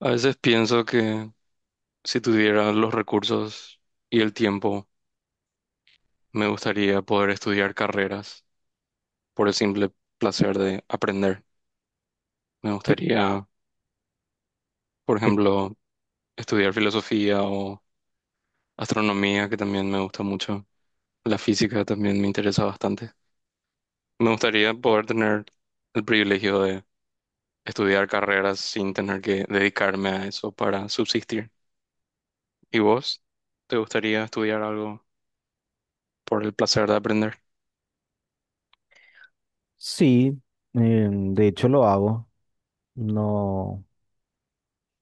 A veces pienso que si tuviera los recursos y el tiempo, me gustaría poder estudiar carreras por el simple placer de aprender. Me Tic, gustaría, por tic. ejemplo, estudiar filosofía o astronomía, que también me gusta mucho. La física también me interesa bastante. Me gustaría poder tener el privilegio de estudiar carreras sin tener que dedicarme a eso para subsistir. ¿Y vos? ¿Te gustaría estudiar algo por el placer de aprender? Sí, de hecho lo hago. No,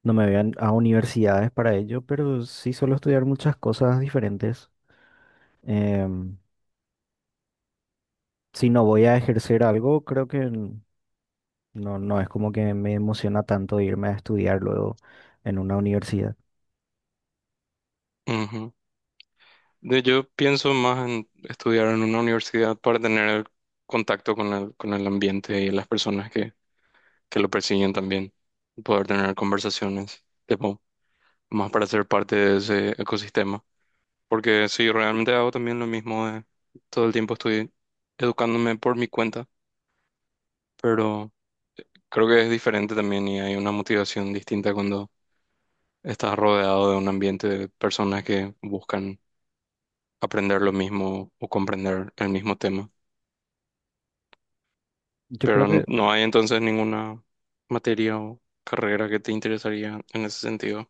no me vean a universidades para ello, pero sí suelo estudiar muchas cosas diferentes. Em, si no voy a ejercer algo, creo que no, no es como que me emociona tanto irme a estudiar luego en una universidad. Ujú. Yo pienso más en estudiar en una universidad para tener el contacto con el ambiente y las personas que lo persiguen también, y poder tener conversaciones, tipo, más para ser parte de ese ecosistema. Porque sí, realmente hago también lo mismo, todo el tiempo estoy educándome por mi cuenta, pero creo que es diferente también y hay una motivación distinta cuando estás rodeado de un ambiente de personas que buscan aprender lo mismo o comprender el mismo tema. Yo Pero creo que no hay entonces ninguna materia o carrera que te interesaría en ese sentido.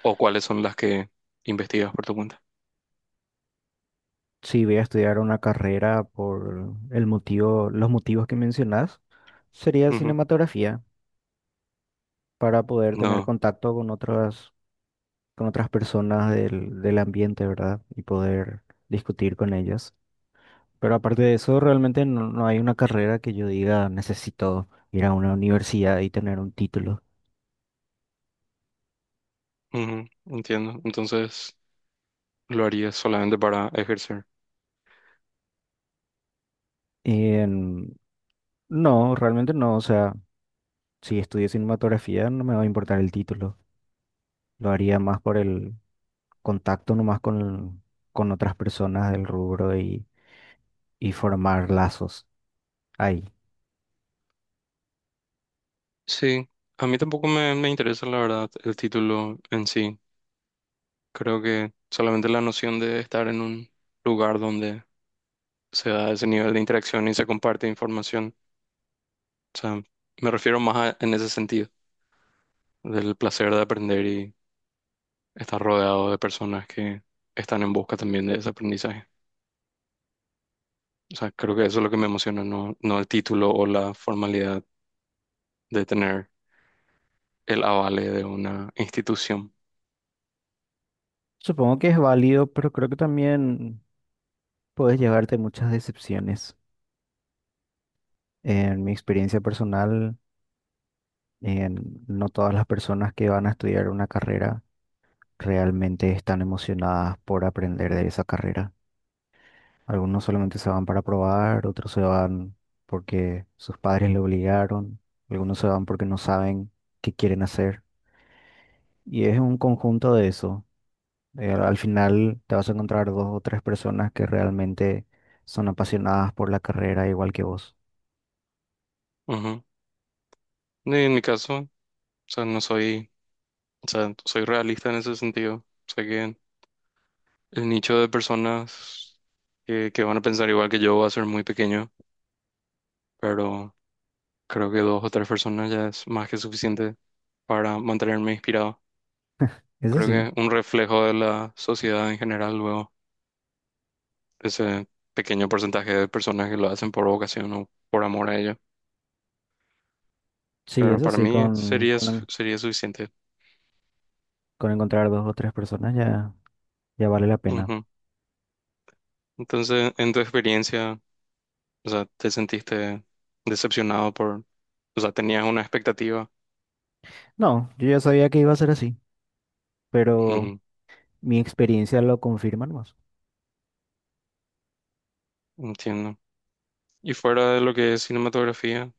¿O cuáles son las que investigas por tu cuenta? si voy a estudiar una carrera por el motivo, los motivos que mencionas, sería Ujú. cinematografía para poder tener No. contacto con otras personas del ambiente, ¿verdad? Y poder discutir con ellas. Pero aparte de eso, realmente no, no hay una carrera que yo diga necesito ir a una universidad y tener un título. Ujú. Entiendo. Entonces lo harías solamente para ejercer. En- no, realmente no. O sea, si estudio cinematografía no me va a importar el título. Lo haría más por el contacto nomás con otras personas del rubro y formar lazos ahí. Sí, a mí tampoco me interesa la verdad el título en sí. Creo que solamente la noción de estar en un lugar donde se da ese nivel de interacción y se comparte información. O sea, me refiero más en ese sentido, del placer de aprender, estar rodeado de personas que están en busca también de ese aprendizaje. O sea, creo que eso es lo que me emociona, no el título o la formalidad de tener el avale de una institución. Supongo que es válido, pero creo que también puedes llevarte muchas decepciones. En mi experiencia personal, no todas las personas que van a estudiar una carrera realmente están emocionadas por aprender de esa carrera. Algunos solamente se van para probar, otros se van porque sus padres le obligaron, algunos se van porque no saben qué quieren hacer. Y es un conjunto de eso. Al final te vas a encontrar dos o tres personas que realmente son apasionadas por la carrera igual que vos. Ujú. Y en mi caso, o sea, no soy, o sea, soy realista en ese sentido. Sé que el nicho de personas que van a pensar igual que yo va a ser muy pequeño, pero creo que dos o tres personas ya es más que suficiente para mantenerme inspirado. Eso Creo sí, que un reflejo de la sociedad en general luego. Ese pequeño porcentaje de personas que lo hacen por vocación o por amor a ello. sí, Pero eso para sí, mí con, sería, con sería suficiente. Con encontrar dos o tres personas ya, ya vale la pena. Ujú. Entonces, en tu experiencia, o sea, ¿te sentiste decepcionado por, o sea, tenías una expectativa? No, yo ya sabía que iba a ser así, pero Ujú. mi experiencia lo confirma más. Entiendo. Y fuera de lo que es cinematografía,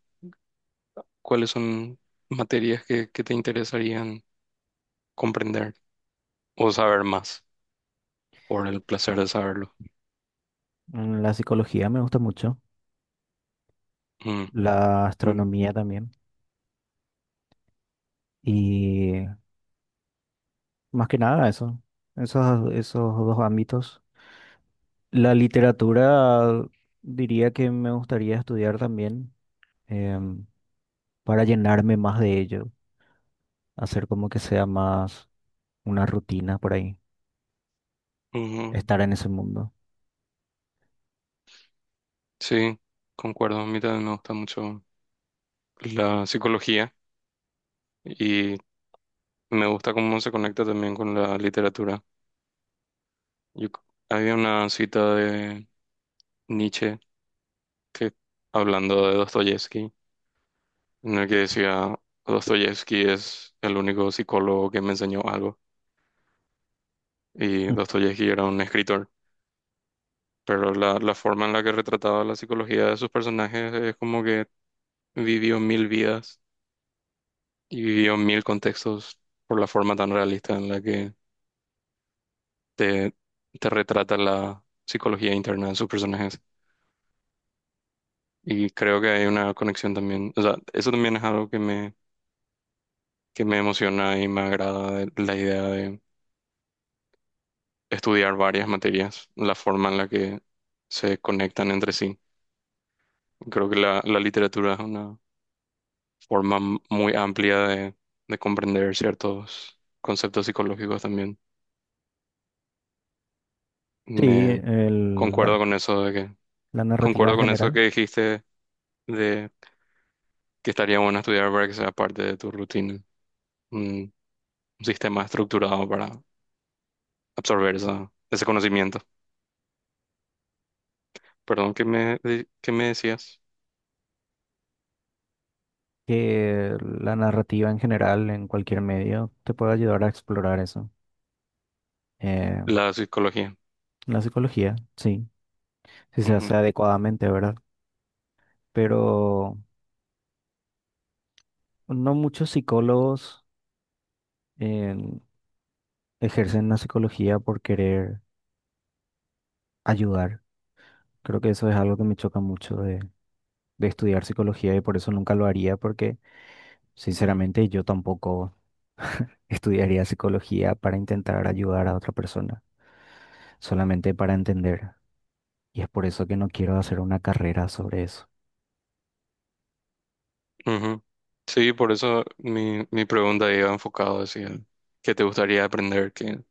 ¿cuáles son materias que te interesarían comprender o saber más por el placer de saberlo? La psicología me gusta mucho, Mm, la mm, astronomía también, y más que nada eso, esos dos ámbitos. La literatura diría que me gustaría estudiar también em, para llenarme más de ello, hacer como que sea más una rutina por ahí, ujú. estar en ese mundo. Sí, concuerdo. A mí también me gusta mucho la psicología, y me gusta cómo se conecta también con la literatura. Yo c- Había una cita de Nietzsche que, hablando de Dostoyevsky, en el que decía: Dostoyevsky es el único psicólogo que me enseñó algo, y Dostoyevsky era un escritor, pero la forma en la que retrataba la psicología de sus personajes es como que vivió mil vidas y vivió mil contextos por la forma tan realista en la que te, te retrata la psicología interna de sus personajes. Y creo que hay una conexión también, o sea, eso también es algo que que me emociona y me agrada de la idea de estudiar varias materias, la forma en la que se conectan entre sí. Creo que la literatura es una forma muy amplia de comprender ciertos conceptos psicológicos también. Sí, Me Concuerdo con eso de que, la narrativa concuerdo en con eso que general, dijiste de que estaría bueno estudiar para que sea parte de tu rutina, un sistema estructurado absorber ese conocimiento. Perdón, ¿qué me, qué me decías? que la narrativa en general en cualquier medio te puede ayudar a explorar eso. Eh, La psicología. la psicología, sí, si se hace Ujú, adecuadamente, ¿verdad? Pero no muchos psicólogos em, ejercen la psicología por querer ayudar. Creo que eso es algo que me choca mucho de estudiar psicología y por eso nunca lo haría, porque sinceramente yo tampoco estudiaría psicología para intentar ayudar a otra persona, solamente para entender. Y es por eso que no quiero hacer una carrera sobre eso. ujú. Sí, por eso mi pregunta iba enfocado hacia el que te gustaría aprender, que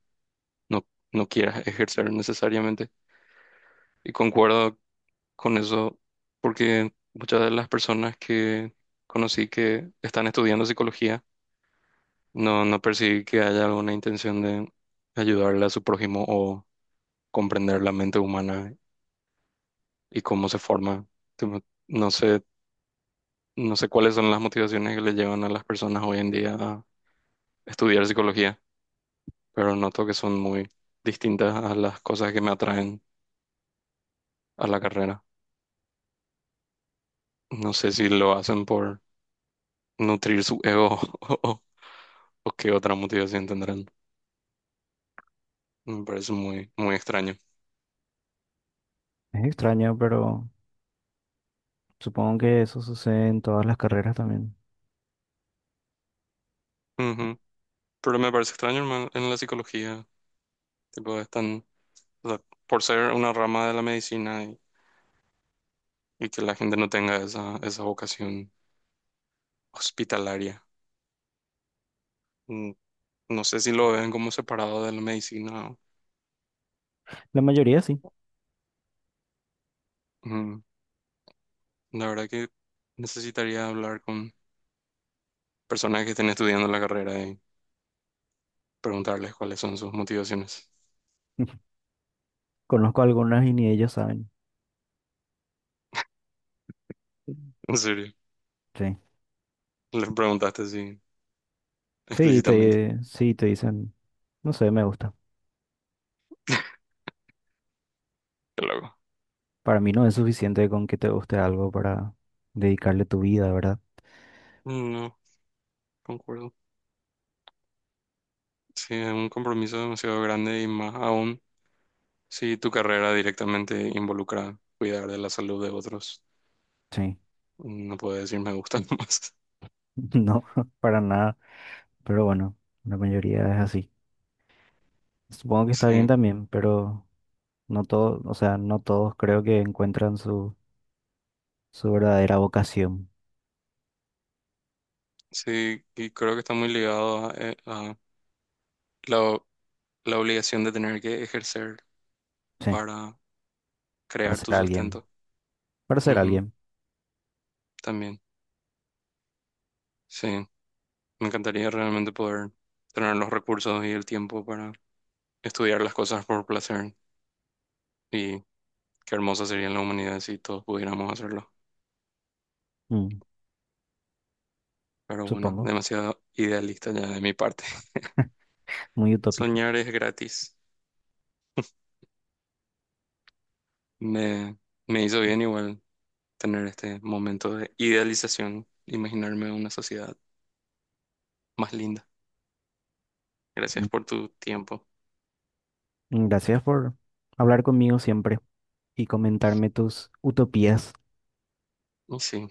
no, no quieras ejercer necesariamente. Y concuerdo con eso, porque muchas de las personas que conocí que están estudiando psicología, no percibí que haya alguna intención de ayudarle a su prójimo o comprender la mente humana y cómo se forma. Tipo, no sé, no sé cuáles son las motivaciones que le llevan a las personas hoy en día a estudiar psicología, pero noto que son muy distintas a las cosas que me atraen a la carrera. No sé si lo hacen por nutrir su ego o qué otra motivación tendrán. Me parece muy, muy extraño. Es extraño, pero supongo que eso sucede en todas las carreras también. Ujú. Pero me parece extraño, hermano, en la psicología, tipo, están, o sea, por ser una rama de la medicina y que la gente no tenga esa, esa vocación hospitalaria. No sé si lo ven como separado de la medicina. La mayoría sí. Ujú. La verdad que necesitaría hablar con personas que estén estudiando la carrera y preguntarles cuáles son sus motivaciones. Conozco algunas y ni ellos saben. ¿En serio, Sí. les preguntaste así Sí, explícitamente? Sí, te dicen, no sé, me gusta. Qué loco. Para mí no es suficiente con que te guste algo para dedicarle tu vida, ¿verdad? No, concuerdo. Sí, es un compromiso demasiado grande y más aún si tu carrera directamente involucra cuidar de la salud de otros. Sí. No puedo decir me gusta más. No, para nada. Pero bueno, la mayoría es así. Supongo que está bien Sí, también, pero no todos, o sea, no todos creo que encuentran su, su verdadera vocación. sí, y creo que está muy ligado a la la obligación de tener que ejercer Sí. para Para crear ser tu alguien. sustento. Para ser Ujú, alguien. también, sí. Me encantaría realmente poder tener los recursos y el tiempo para estudiar las cosas por placer. Y qué hermosa sería la humanidad si todos pudiéramos hacerlo. Mm, Pero bueno, supongo. demasiado idealista ya de mi parte. Muy utópico. Soñar es gratis. Me, Me hizo bien igual tener este momento de idealización, imaginarme una sociedad más linda. Gracias Mm, por tu tiempo. mm, gracias por hablar conmigo siempre y comentarme tus utopías. No, sí,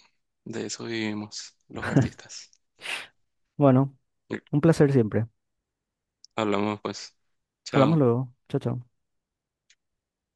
de eso vivimos los artistas. Bueno, un placer siempre. Hablamos pues. Hablamos Chao. luego. Chao, chao.